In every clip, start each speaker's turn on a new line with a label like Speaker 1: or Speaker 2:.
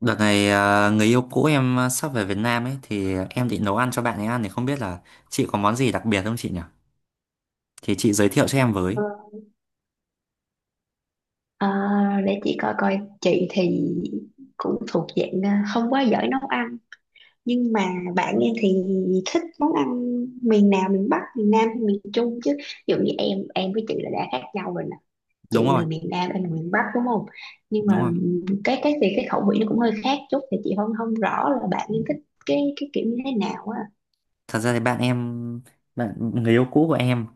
Speaker 1: Đợt này à, người yêu cũ em à, sắp về Việt Nam ấy thì em định nấu ăn cho bạn ấy ăn thì không biết là chị có món gì đặc biệt không chị nhỉ? Thì chị giới thiệu cho em với.
Speaker 2: Ờ, để chị coi coi. Chị thì cũng thuộc dạng không quá giỏi nấu ăn, nhưng mà bạn em thì thích món ăn miền nào? Miền Bắc, miền Nam hay miền Trung? Chứ ví dụ như em với chị là đã khác nhau rồi nè.
Speaker 1: Đúng
Speaker 2: Chị
Speaker 1: rồi,
Speaker 2: người miền Nam, em người miền Bắc đúng không? Nhưng mà
Speaker 1: đúng rồi.
Speaker 2: cái khẩu vị nó cũng hơi khác chút, thì chị không không rõ là bạn em thích cái kiểu như thế nào á.
Speaker 1: Thật ra thì bạn người yêu cũ của em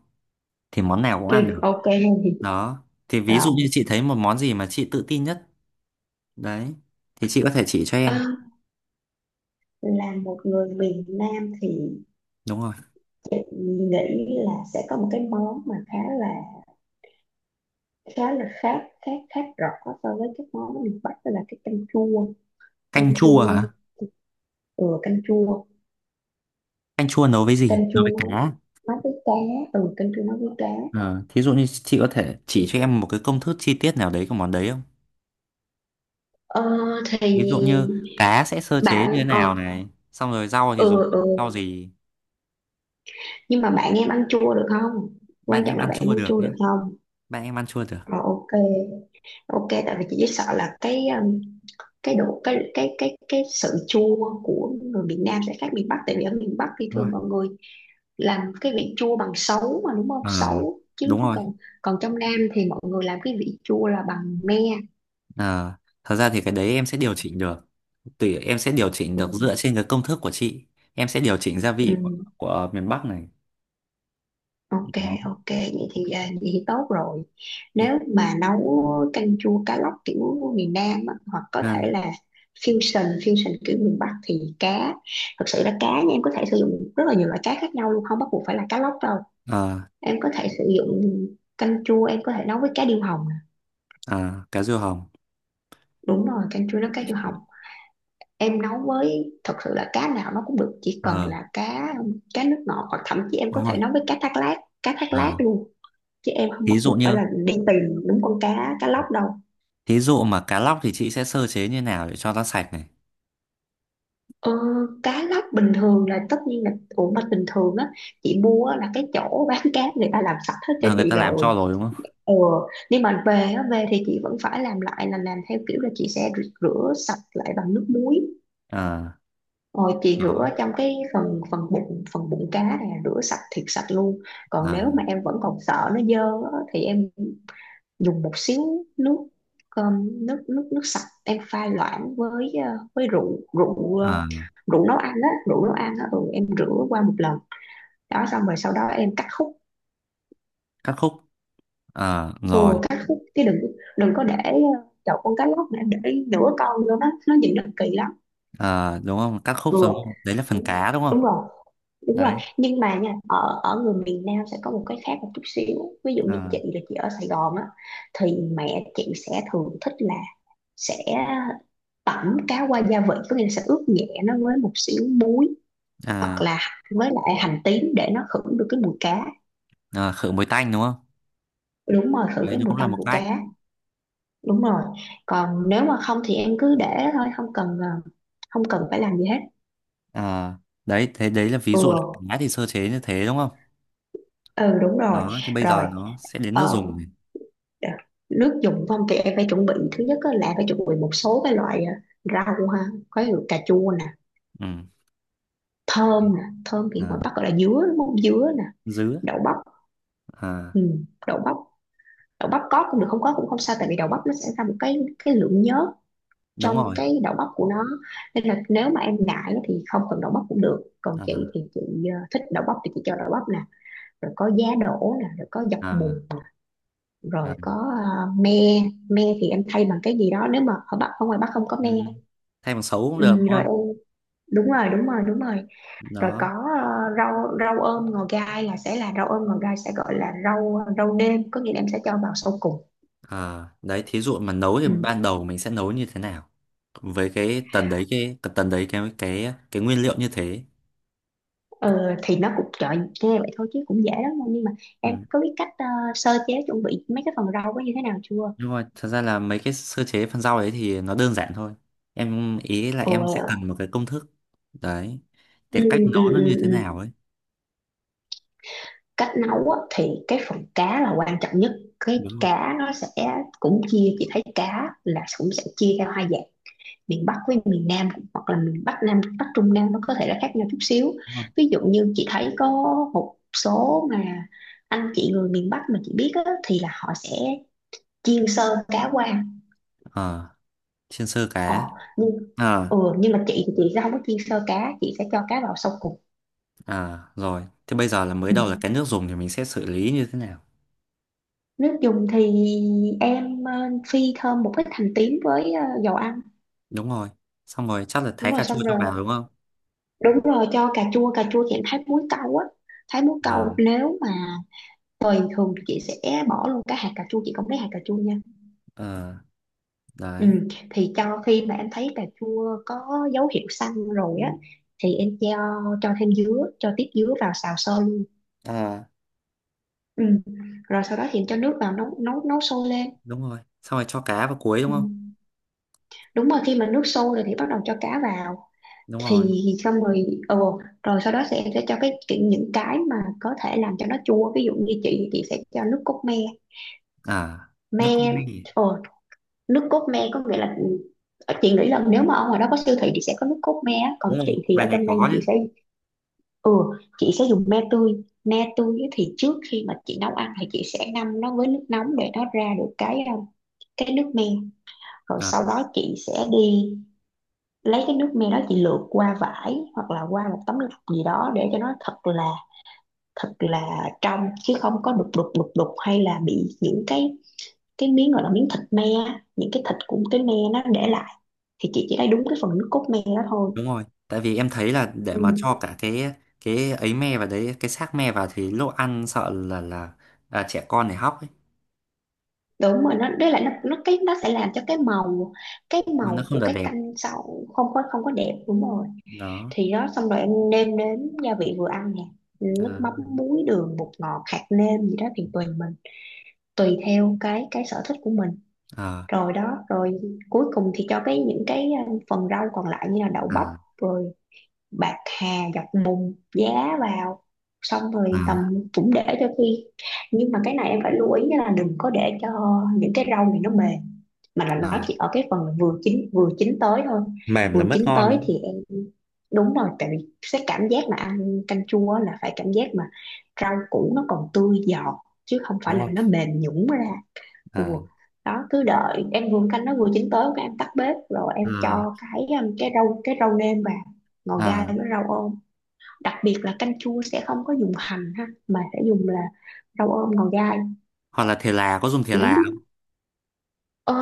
Speaker 1: thì món nào cũng
Speaker 2: Ừ,
Speaker 1: ăn được.
Speaker 2: ok luôn.
Speaker 1: Đó. Thì ví dụ như
Speaker 2: Rồi,
Speaker 1: chị thấy một món gì mà chị tự tin nhất đấy thì chị có thể chỉ cho
Speaker 2: à,
Speaker 1: em.
Speaker 2: là một người miền Nam thì
Speaker 1: Đúng rồi.
Speaker 2: nghĩ là sẽ có một cái món mà khá là khác khác khác rõ so với các món miền Bắc, đó là cái canh chua.
Speaker 1: Canh
Speaker 2: Canh
Speaker 1: chua
Speaker 2: chua,
Speaker 1: hả?
Speaker 2: Ừ, canh chua.
Speaker 1: Canh chua nấu với gì?
Speaker 2: Canh
Speaker 1: Nấu
Speaker 2: chua
Speaker 1: với
Speaker 2: nó
Speaker 1: cá.
Speaker 2: nó với cá. Ừ, canh chua nó với cá.
Speaker 1: Ờ, thí dụ như chị có thể chỉ cho em một cái công thức chi tiết nào đấy của món đấy,
Speaker 2: Ờ, thì
Speaker 1: ví dụ như cá sẽ sơ chế như thế
Speaker 2: bạn ờ
Speaker 1: nào này, xong rồi rau thì dùng
Speaker 2: ừ ừ
Speaker 1: rau gì.
Speaker 2: Nhưng mà bạn em ăn chua được không? Quan
Speaker 1: Bạn
Speaker 2: trọng
Speaker 1: em
Speaker 2: là
Speaker 1: ăn
Speaker 2: bạn
Speaker 1: chua
Speaker 2: ăn
Speaker 1: được
Speaker 2: chua
Speaker 1: nhé,
Speaker 2: được không.
Speaker 1: bạn em ăn chua được
Speaker 2: Ờ, ok. Ok, tại vì chị chỉ sợ là cái độ, cái sự chua của người miền Nam sẽ khác miền Bắc. Tại vì ở miền Bắc thì
Speaker 1: đúng
Speaker 2: thường
Speaker 1: không?
Speaker 2: mọi người làm cái vị chua bằng sấu mà, đúng không?
Speaker 1: Ờ,
Speaker 2: Sấu chứ.
Speaker 1: đúng rồi.
Speaker 2: Còn còn trong Nam thì mọi người làm cái vị chua là bằng me.
Speaker 1: Ờ, thật ra thì cái đấy em sẽ điều chỉnh được, tùy em sẽ điều chỉnh được dựa trên cái công thức của chị. Em sẽ điều chỉnh gia vị của,
Speaker 2: Ừ.
Speaker 1: của miền Bắc này.
Speaker 2: Ok,
Speaker 1: Đó.
Speaker 2: ok, vậy thì, vậy thì tốt rồi. Nếu mà nấu canh chua cá lóc kiểu miền Nam á, hoặc có
Speaker 1: Ờ,
Speaker 2: thể là fusion, fusion kiểu miền Bắc, thì cá. Thực sự là cá nha, em có thể sử dụng rất là nhiều loại cá khác nhau luôn, không bắt buộc phải là cá lóc đâu.
Speaker 1: ờ,
Speaker 2: Em có thể sử dụng canh chua, em có thể nấu với cá điêu hồng nè.
Speaker 1: ờ, cá riêu hồng.
Speaker 2: Đúng rồi, canh chua nấu cá điêu hồng. Em nấu với, thật sự là cá nào nó cũng được, chỉ cần
Speaker 1: Ờ,
Speaker 2: là cá cá nước ngọt, hoặc thậm chí em có
Speaker 1: đúng rồi.
Speaker 2: thể nấu với cá thác lát
Speaker 1: Ờ,
Speaker 2: luôn, chứ em không bắt
Speaker 1: thí dụ
Speaker 2: buộc phải
Speaker 1: như
Speaker 2: là đi tìm đúng con cá cá lóc đâu.
Speaker 1: thí dụ mà cá lóc thì chị sẽ sơ chế như nào để cho nó sạch này.
Speaker 2: ờ, Cá lóc bình thường là tất nhiên là, ủa mà bình thường á, chị mua á là cái chỗ bán cá người ta làm sạch hết cho
Speaker 1: Ờ, người
Speaker 2: chị
Speaker 1: ta làm cho
Speaker 2: rồi.
Speaker 1: rồi đúng không.
Speaker 2: ờ nhưng mà về á, về thì chị vẫn phải làm lại, là làm theo kiểu là chị sẽ rửa, sạch lại bằng nước muối.
Speaker 1: Ờ,
Speaker 2: Rồi chị rửa
Speaker 1: đó.
Speaker 2: trong cái phần phần bụng, phần bụng cá này, rửa sạch thiệt sạch luôn. Còn
Speaker 1: Ờ,
Speaker 2: nếu mà em vẫn còn sợ nó dơ á, thì em dùng một xíu nước cơm nước nước nước sạch, em pha loãng với với rượu rượu ờ,
Speaker 1: ờ.
Speaker 2: rượu nấu ăn á, rượu nấu ăn á. Ừ, em rửa qua một lần, đó, xong rồi sau đó em cắt khúc.
Speaker 1: Cắt khúc. Ờ,
Speaker 2: Ừ,
Speaker 1: rồi.
Speaker 2: cắt khúc chứ đừng đừng có để chậu con cá lóc mà em để nửa con vô đó, nó nhìn nó kỳ lắm.
Speaker 1: Ờ, đúng không, cắt khúc
Speaker 2: Ừ,
Speaker 1: rồi đúng không? Đấy là phần
Speaker 2: đúng,
Speaker 1: cá đúng không
Speaker 2: đúng rồi, đúng
Speaker 1: đấy.
Speaker 2: rồi. Nhưng mà nha, ở ở người miền Nam sẽ có một cái khác một chút xíu. Ví dụ như
Speaker 1: à,
Speaker 2: chị là chị ở Sài Gòn á, thì mẹ chị sẽ thường thích là sẽ tẩm cá qua gia vị, có nghĩa là sẽ ướp nhẹ nó với một xíu muối, hoặc
Speaker 1: à,
Speaker 2: là với lại hành tím, để nó khử được cái mùi cá.
Speaker 1: khử mùi tanh đúng không.
Speaker 2: Đúng rồi, khử
Speaker 1: Đấy
Speaker 2: cái
Speaker 1: nó
Speaker 2: mùi
Speaker 1: cũng là
Speaker 2: tanh
Speaker 1: một
Speaker 2: của
Speaker 1: cách.
Speaker 2: cá. Đúng rồi. Còn nếu mà không thì em cứ để đó thôi, không cần phải làm gì hết.
Speaker 1: À, đấy thế đấy là ví
Speaker 2: Ừ
Speaker 1: dụ là cá thì sơ chế như thế đúng không.
Speaker 2: ừ, đúng rồi.
Speaker 1: Đó thì bây
Speaker 2: Rồi,
Speaker 1: giờ nó sẽ đến nước
Speaker 2: ờ,
Speaker 1: dùng này.
Speaker 2: đ- nước dùng không thì em phải chuẩn bị, thứ nhất á là phải chuẩn bị một số cái loại rau ha. Có như cà chua nè,
Speaker 1: Ừ.
Speaker 2: thơm nè, thơm thì ngoài
Speaker 1: À,
Speaker 2: Bắc gọi là dứa đúng không, dứa nè.
Speaker 1: dứa.
Speaker 2: Đậu bắp.
Speaker 1: À,
Speaker 2: Ừ, đậu bắp. Đậu bắp có cũng được, không có cũng không sao, tại vì đậu bắp nó sẽ ra một cái lượng nhớt
Speaker 1: đúng
Speaker 2: trong
Speaker 1: rồi.
Speaker 2: cái đậu bắp của nó. Nên là nếu mà em ngại á thì không cần đậu bắp cũng được, còn
Speaker 1: à,
Speaker 2: chị thì chị thích đậu bắp thì chị cho đậu bắp nè. Rồi có giá đỗ nè, rồi có dọc
Speaker 1: à,
Speaker 2: mùng,
Speaker 1: à.
Speaker 2: rồi có me. Me thì em thay bằng cái gì đó, nếu mà ở ngoài bắc không có
Speaker 1: Ừ.
Speaker 2: me.
Speaker 1: Thay bằng sấu cũng
Speaker 2: Ừ,
Speaker 1: được đúng
Speaker 2: rồi
Speaker 1: không.
Speaker 2: em. Đúng rồi, đúng rồi, đúng rồi. Rồi
Speaker 1: Đó.
Speaker 2: có rau rau ôm ngò gai, là sẽ là rau ôm ngò gai sẽ gọi là rau rau nêm, có nghĩa là em sẽ cho vào sau cùng.
Speaker 1: À, đấy thí dụ mà nấu thì
Speaker 2: Ừ.
Speaker 1: ban đầu mình sẽ nấu như thế nào với cái tần đấy, cái tần đấy, cái nguyên liệu như thế.
Speaker 2: Ừ, thì nó cũng, trời, nghe vậy thôi chứ cũng dễ lắm đâu. Nhưng mà em
Speaker 1: Ừ.
Speaker 2: có biết cách sơ chế chuẩn bị mấy cái phần rau có như thế nào chưa?
Speaker 1: Nhưng mà thật ra là mấy cái sơ chế phần rau đấy thì nó đơn giản thôi. Em ý là
Speaker 2: Ừ,
Speaker 1: em sẽ cần một cái công thức đấy, thì
Speaker 2: ừ,
Speaker 1: cách
Speaker 2: ừ,
Speaker 1: nấu nó như
Speaker 2: ừ.
Speaker 1: thế
Speaker 2: Ừ.
Speaker 1: nào ấy.
Speaker 2: Cách nấu á, thì cái phần cá là quan trọng nhất. Cái
Speaker 1: Đúng rồi,
Speaker 2: cá nó sẽ, cũng chia, chị thấy cá là cũng sẽ chia theo hai dạng, miền Bắc với miền Nam, hoặc là miền Bắc Nam, Bắc Trung Nam nó có thể là khác nhau chút xíu.
Speaker 1: đúng rồi.
Speaker 2: Ví dụ như chị thấy có một số mà anh chị người miền Bắc mà chị biết á, thì là họ sẽ chiên sơ cá qua.
Speaker 1: Ờ, chiên sơ
Speaker 2: Ờ,
Speaker 1: cá.
Speaker 2: nhưng
Speaker 1: ờ
Speaker 2: nhưng mà chị thì chị sẽ không có chiên sơ cá, chị sẽ cho cá vào sau cùng.
Speaker 1: ờ rồi thế bây giờ là mới đầu là
Speaker 2: Ừ.
Speaker 1: cái nước dùng thì mình sẽ xử lý như thế nào.
Speaker 2: Nước dùng thì em phi thơm một ít hành tím với dầu ăn.
Speaker 1: Đúng rồi, xong rồi chắc là
Speaker 2: Đúng
Speaker 1: thái cà
Speaker 2: rồi,
Speaker 1: chua
Speaker 2: xong
Speaker 1: cho
Speaker 2: rồi,
Speaker 1: vào đúng không.
Speaker 2: đúng rồi, cho cà chua. Cà chua thì em thái muối câu á, thái muối câu.
Speaker 1: ờ
Speaker 2: Nếu mà bình thường thì chị sẽ bỏ luôn cái hạt cà chua, chị không lấy hạt cà chua nha.
Speaker 1: ờ
Speaker 2: Ừ.
Speaker 1: đấy.
Speaker 2: Thì cho khi mà em thấy cà chua có dấu hiệu xanh rồi á, thì em cho thêm dứa, cho tiếp dứa vào xào sơ.
Speaker 1: Ờ,
Speaker 2: Ừ. Rồi sau đó thì cho nước vào nấu nấu nấu sôi lên.
Speaker 1: đúng rồi, xong rồi cho cá vào cuối đúng
Speaker 2: Ừ.
Speaker 1: không.
Speaker 2: Đúng rồi, khi mà nước sôi rồi thì bắt đầu cho cá vào,
Speaker 1: Đúng rồi.
Speaker 2: thì xong rồi. Ừ, rồi sau đó sẽ cho những cái mà có thể làm cho nó chua, ví dụ như chị sẽ cho nước cốt me.
Speaker 1: À, nước cốt
Speaker 2: Me.
Speaker 1: minh.
Speaker 2: ờ, Nước cốt me có nghĩa là, ừ, chị nghĩ là nếu mà ở ngoài đó có siêu thị thì sẽ có nước cốt me á. Còn
Speaker 1: Đúng rồi,
Speaker 2: chị thì ở
Speaker 1: ngoài này
Speaker 2: trong đây thì
Speaker 1: có nhé.
Speaker 2: ừ chị sẽ dùng me tươi. Me tươi á thì trước khi mà chị nấu ăn thì chị sẽ ngâm nó với nước nóng, để nó ra được cái cái nước me. Rồi
Speaker 1: À,
Speaker 2: sau đó chị sẽ đi lấy cái nước me đó, chị lượt qua vải hoặc là qua một tấm lọc gì đó, để cho nó thật là trong, chứ không có đục đục đục đục, hay là bị những cái miếng, gọi là miếng thịt me, những cái thịt của cái me nó để lại. Thì chị chỉ lấy đúng cái phần nước cốt me đó thôi.
Speaker 1: đúng rồi, tại vì em thấy là để mà
Speaker 2: Ừ.
Speaker 1: cho cả cái ấy me vào đấy, cái xác me vào thì lúc ăn sợ là trẻ con này hóc ấy,
Speaker 2: Đúng rồi, nó đấy là nó sẽ làm cho cái màu, cái
Speaker 1: mà nó
Speaker 2: màu
Speaker 1: không
Speaker 2: của
Speaker 1: được
Speaker 2: cái
Speaker 1: đẹp.
Speaker 2: canh sau, không có đẹp, đúng rồi.
Speaker 1: Đó.
Speaker 2: Thì đó, xong rồi em nêm đến gia vị vừa ăn nè, nước
Speaker 1: à
Speaker 2: mắm, muối, đường, bột ngọt, hạt nêm gì đó thì tùy mình, tùy theo cái sở thích của mình.
Speaker 1: à
Speaker 2: Rồi, đó rồi, cuối cùng thì cho cái, những cái phần rau còn lại, như là đậu
Speaker 1: à
Speaker 2: bắp, rồi bạc hà, dọc bùn, giá vào. Xong
Speaker 1: à,
Speaker 2: rồi tầm, cũng để cho khi, nhưng mà cái này em phải lưu ý là đừng có để cho những cái rau này nó mềm, mà là nó
Speaker 1: à.
Speaker 2: chỉ ở cái phần là vừa chín, vừa chín tới thôi.
Speaker 1: Mềm là
Speaker 2: Vừa
Speaker 1: mất
Speaker 2: chín
Speaker 1: ngon
Speaker 2: tới
Speaker 1: đúng
Speaker 2: thì
Speaker 1: không,
Speaker 2: em, đúng rồi, tại vì cái cảm giác mà ăn canh chua á là phải cảm giác mà rau củ nó còn tươi giòn, chứ không phải
Speaker 1: đúng
Speaker 2: là
Speaker 1: không.
Speaker 2: nó mềm nhũn ra. Ủa.
Speaker 1: à
Speaker 2: Đó, cứ đợi em vừa canh nó vừa chín tới, cái em tắt bếp, rồi em
Speaker 1: à
Speaker 2: cho cái rau, cái rau nêm vào, ngò gai
Speaker 1: à
Speaker 2: với rau ôm. Đặc biệt là canh chua sẽ không có dùng hành ha, mà sẽ dùng là rau ôm, ngò gai.
Speaker 1: hoặc là thể là có dùng thể
Speaker 2: Thì không
Speaker 1: là không?
Speaker 2: biết, ờ,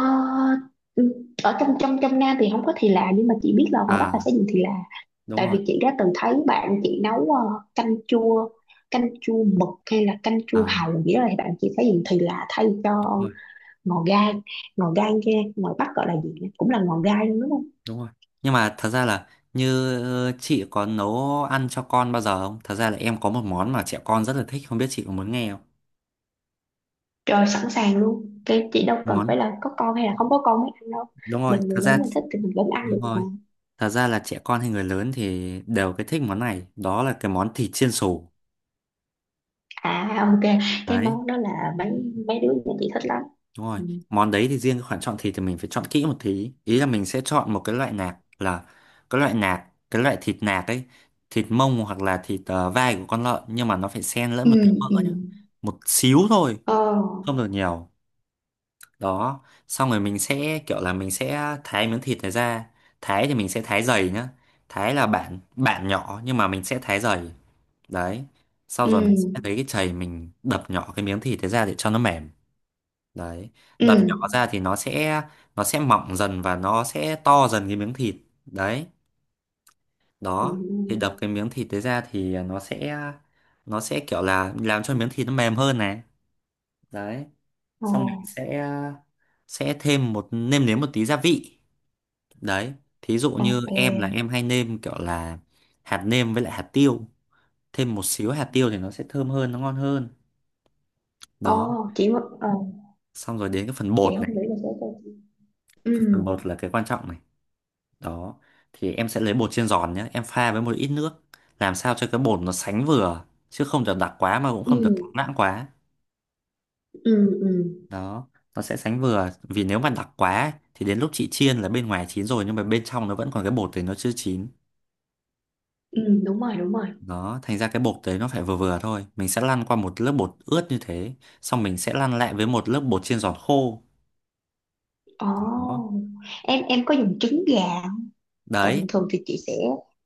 Speaker 2: ừ, ở trong trong trong Nam thì không có thì là, nhưng mà chị biết là ngoài Bắc
Speaker 1: À,
Speaker 2: là sẽ dùng thì là.
Speaker 1: đúng
Speaker 2: Tại
Speaker 1: rồi.
Speaker 2: vì chị đã từng thấy bạn chị nấu canh chua canh chua mực, hay là canh chua
Speaker 1: À,
Speaker 2: hàu nghĩa, thì bạn chị phải dùng thì là thay cho
Speaker 1: đúng rồi,
Speaker 2: ngò gai. Ngò gai kia ngoài Bắc gọi là gì nhỉ? Cũng là ngò gai luôn đúng không.
Speaker 1: đúng rồi. Nhưng mà thật ra là như chị có nấu ăn cho con bao giờ không, thật ra là em có một món mà trẻ con rất là thích không biết chị có muốn nghe không.
Speaker 2: Trời, sẵn sàng luôn, cái chị đâu cần phải
Speaker 1: Món.
Speaker 2: là có con hay là không có con mới ăn đâu.
Speaker 1: Đúng rồi,
Speaker 2: Mình người
Speaker 1: thật
Speaker 2: lớn
Speaker 1: ra.
Speaker 2: mình thích thì mình vẫn ăn
Speaker 1: Đúng
Speaker 2: được mà.
Speaker 1: rồi, thật ra là trẻ con hay người lớn thì đều cái thích món này, đó là cái món thịt chiên xù.
Speaker 2: À, ok, cái
Speaker 1: Đấy.
Speaker 2: món đó là mấy mấy đứa nhà chị thích lắm.
Speaker 1: Đúng rồi.
Speaker 2: Ừ.
Speaker 1: Món đấy thì riêng cái khoản chọn thịt thì mình phải chọn kỹ một tí, ý là mình sẽ chọn một cái loại nạc, là cái loại thịt nạc ấy. Thịt mông hoặc là thịt vai của con lợn, nhưng mà nó phải xen lẫn
Speaker 2: Ừ.
Speaker 1: một tí mỡ
Speaker 2: Ừ.
Speaker 1: nữa. Một xíu thôi,
Speaker 2: Ờ.
Speaker 1: không được nhiều. Đó, xong rồi mình sẽ kiểu là mình sẽ thái miếng thịt này ra. Thái thì mình sẽ thái dày nhá, thái là bản bản nhỏ nhưng mà mình sẽ thái dày. Đấy, sau
Speaker 2: Ừ.
Speaker 1: rồi mình sẽ lấy cái chày mình đập nhỏ cái miếng thịt đấy ra để cho nó mềm. Đấy,
Speaker 2: Ừ.
Speaker 1: đập nhỏ ra thì nó sẽ mỏng dần và nó sẽ to dần cái miếng thịt. Đấy. Đó, thì
Speaker 2: Ừ.
Speaker 1: đập cái miếng thịt đấy ra thì nó sẽ kiểu là làm cho miếng thịt nó mềm hơn này. Đấy,
Speaker 2: Ờ.
Speaker 1: xong mình sẽ thêm một nêm nếm một tí gia vị. Đấy, thí dụ như em là
Speaker 2: Ok.
Speaker 1: em hay nêm kiểu là hạt nêm với lại hạt tiêu. Thêm một xíu hạt tiêu thì nó sẽ thơm hơn, nó ngon hơn.
Speaker 2: Ờ.
Speaker 1: Đó,
Speaker 2: chị muốn- ờ,
Speaker 1: xong rồi đến cái phần
Speaker 2: chị
Speaker 1: bột này.
Speaker 2: không nghĩ là sẽ cho chị. Ừ.
Speaker 1: Phần bột là cái quan trọng này. Đó, thì em sẽ lấy bột chiên giòn nhé. Em pha với một ít nước. Làm sao cho cái bột nó sánh vừa. Chứ không được đặc quá mà cũng
Speaker 2: Ừ.
Speaker 1: không được loãng quá.
Speaker 2: Ừ. Ừ.
Speaker 1: Đó, nó sẽ sánh vừa. Vì nếu mà đặc quá thì đến lúc chị chiên là bên ngoài chín rồi nhưng mà bên trong nó vẫn còn cái bột thì nó chưa chín.
Speaker 2: Ừ. Đúng rồi, đúng rồi.
Speaker 1: Đó, thành ra cái bột đấy nó phải vừa vừa thôi. Mình sẽ lăn qua một lớp bột ướt như thế, xong mình sẽ lăn lại với một lớp bột chiên giòn khô.
Speaker 2: Ồ,
Speaker 1: Đó.
Speaker 2: em có dùng trứng gà, tại
Speaker 1: Đấy,
Speaker 2: bình thường thì chị sẽ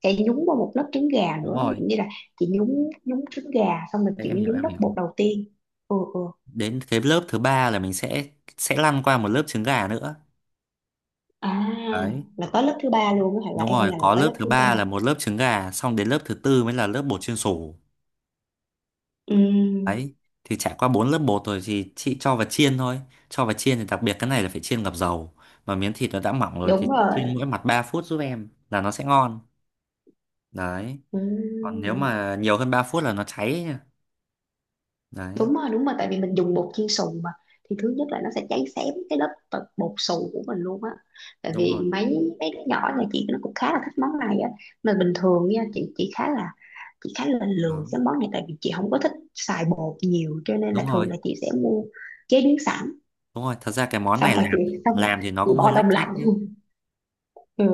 Speaker 2: sẽ nhúng vào một lớp trứng gà
Speaker 1: đúng
Speaker 2: nữa. Ví
Speaker 1: rồi.
Speaker 2: dụ như là chị nhúng nhúng trứng gà xong rồi
Speaker 1: Đấy,
Speaker 2: chị
Speaker 1: em
Speaker 2: mới
Speaker 1: hiểu
Speaker 2: nhúng
Speaker 1: em
Speaker 2: lớp
Speaker 1: hiểu.
Speaker 2: bột đầu tiên. Ừ. Ừ.
Speaker 1: Đến cái lớp thứ ba là mình sẽ lăn qua một lớp trứng gà nữa.
Speaker 2: À,
Speaker 1: Đấy,
Speaker 2: là tới lớp thứ ba luôn á, hả, là
Speaker 1: đúng rồi,
Speaker 2: là
Speaker 1: có
Speaker 2: tới
Speaker 1: lớp
Speaker 2: lớp
Speaker 1: thứ
Speaker 2: thứ ba.
Speaker 1: ba là một lớp trứng gà, xong đến lớp thứ tư mới là lớp bột chiên xù.
Speaker 2: Ừ,
Speaker 1: Đấy, thì trải qua bốn lớp bột rồi thì chị cho vào chiên thôi. Cho vào chiên thì đặc biệt cái này là phải chiên ngập dầu. Mà miếng thịt nó đã mỏng rồi thì
Speaker 2: đúng
Speaker 1: chị
Speaker 2: rồi.
Speaker 1: chiên mỗi mặt 3 phút giúp em là nó sẽ ngon. Đấy.
Speaker 2: Ừ.
Speaker 1: Còn nếu mà nhiều hơn 3 phút là nó cháy ấy nha. Đấy,
Speaker 2: Đúng rồi, đúng rồi. Tại vì mình dùng bột chiên xù mà, thì thứ nhất là nó sẽ cháy xém cái lớp bột bột xù của mình luôn á. Tại
Speaker 1: đúng rồi.
Speaker 2: vì mấy mấy đứa nhỏ nhà chị nó cũng khá là thích món này á. Mà bình thường nha, chị khá là chị khá là
Speaker 1: Đó,
Speaker 2: lười cái món này, tại vì chị không có thích xài bột nhiều, cho nên là
Speaker 1: đúng rồi,
Speaker 2: thường là chị sẽ mua chế biến sẵn,
Speaker 1: đúng rồi. Thật ra cái món này
Speaker 2: xong rồi chị
Speaker 1: làm
Speaker 2: xong rồi
Speaker 1: làm thì nó
Speaker 2: chị
Speaker 1: cũng hơi
Speaker 2: bỏ
Speaker 1: lách
Speaker 2: đông lạnh
Speaker 1: cách.
Speaker 2: luôn. Ừ.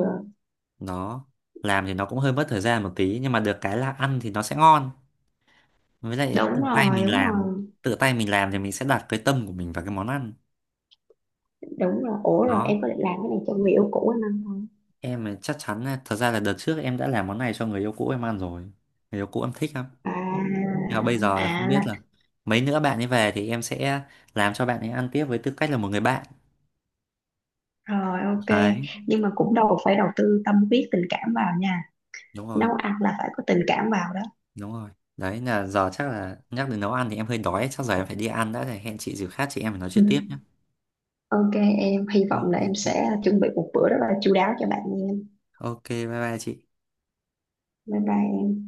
Speaker 1: Nó làm thì nó cũng hơi mất thời gian một tí nhưng mà được cái là ăn thì nó sẽ ngon, với lại
Speaker 2: Đúng
Speaker 1: tự tay
Speaker 2: rồi,
Speaker 1: mình
Speaker 2: đúng
Speaker 1: làm.
Speaker 2: rồi,
Speaker 1: Tự tay mình làm thì mình sẽ đặt cái tâm của mình vào cái món ăn.
Speaker 2: đúng rồi. Ủa, rồi
Speaker 1: Đó,
Speaker 2: em có định làm cái này cho người yêu cũ anh ăn không?
Speaker 1: em là chắc chắn là- thật ra là đợt trước em đã làm món này cho người yêu cũ em ăn rồi, người yêu cũ em thích lắm.
Speaker 2: À.
Speaker 1: Nhưng mà bây giờ là không biết là
Speaker 2: À.
Speaker 1: mấy nữa bạn ấy về thì em sẽ làm cho bạn ấy ăn tiếp với tư cách là một người bạn.
Speaker 2: Rồi ok,
Speaker 1: Đấy.
Speaker 2: nhưng mà cũng đâu phải đầu tư tâm huyết tình cảm vào nha.
Speaker 1: Đúng rồi,
Speaker 2: Nấu ăn là phải có tình cảm vào đó.
Speaker 1: đúng rồi. Đấy là giờ chắc là nhắc đến nấu ăn thì em hơi đói, chắc giờ em phải đi ăn đã, thì hẹn chị dịp khác chị em phải nói chuyện tiếp
Speaker 2: Ừ.
Speaker 1: nhé.
Speaker 2: Ok em, hy
Speaker 1: Ok
Speaker 2: vọng là em
Speaker 1: chị,
Speaker 2: sẽ chuẩn bị một bữa rất là chu đáo cho bạn nha em.
Speaker 1: ok, bye bye chị.
Speaker 2: Bye bye em.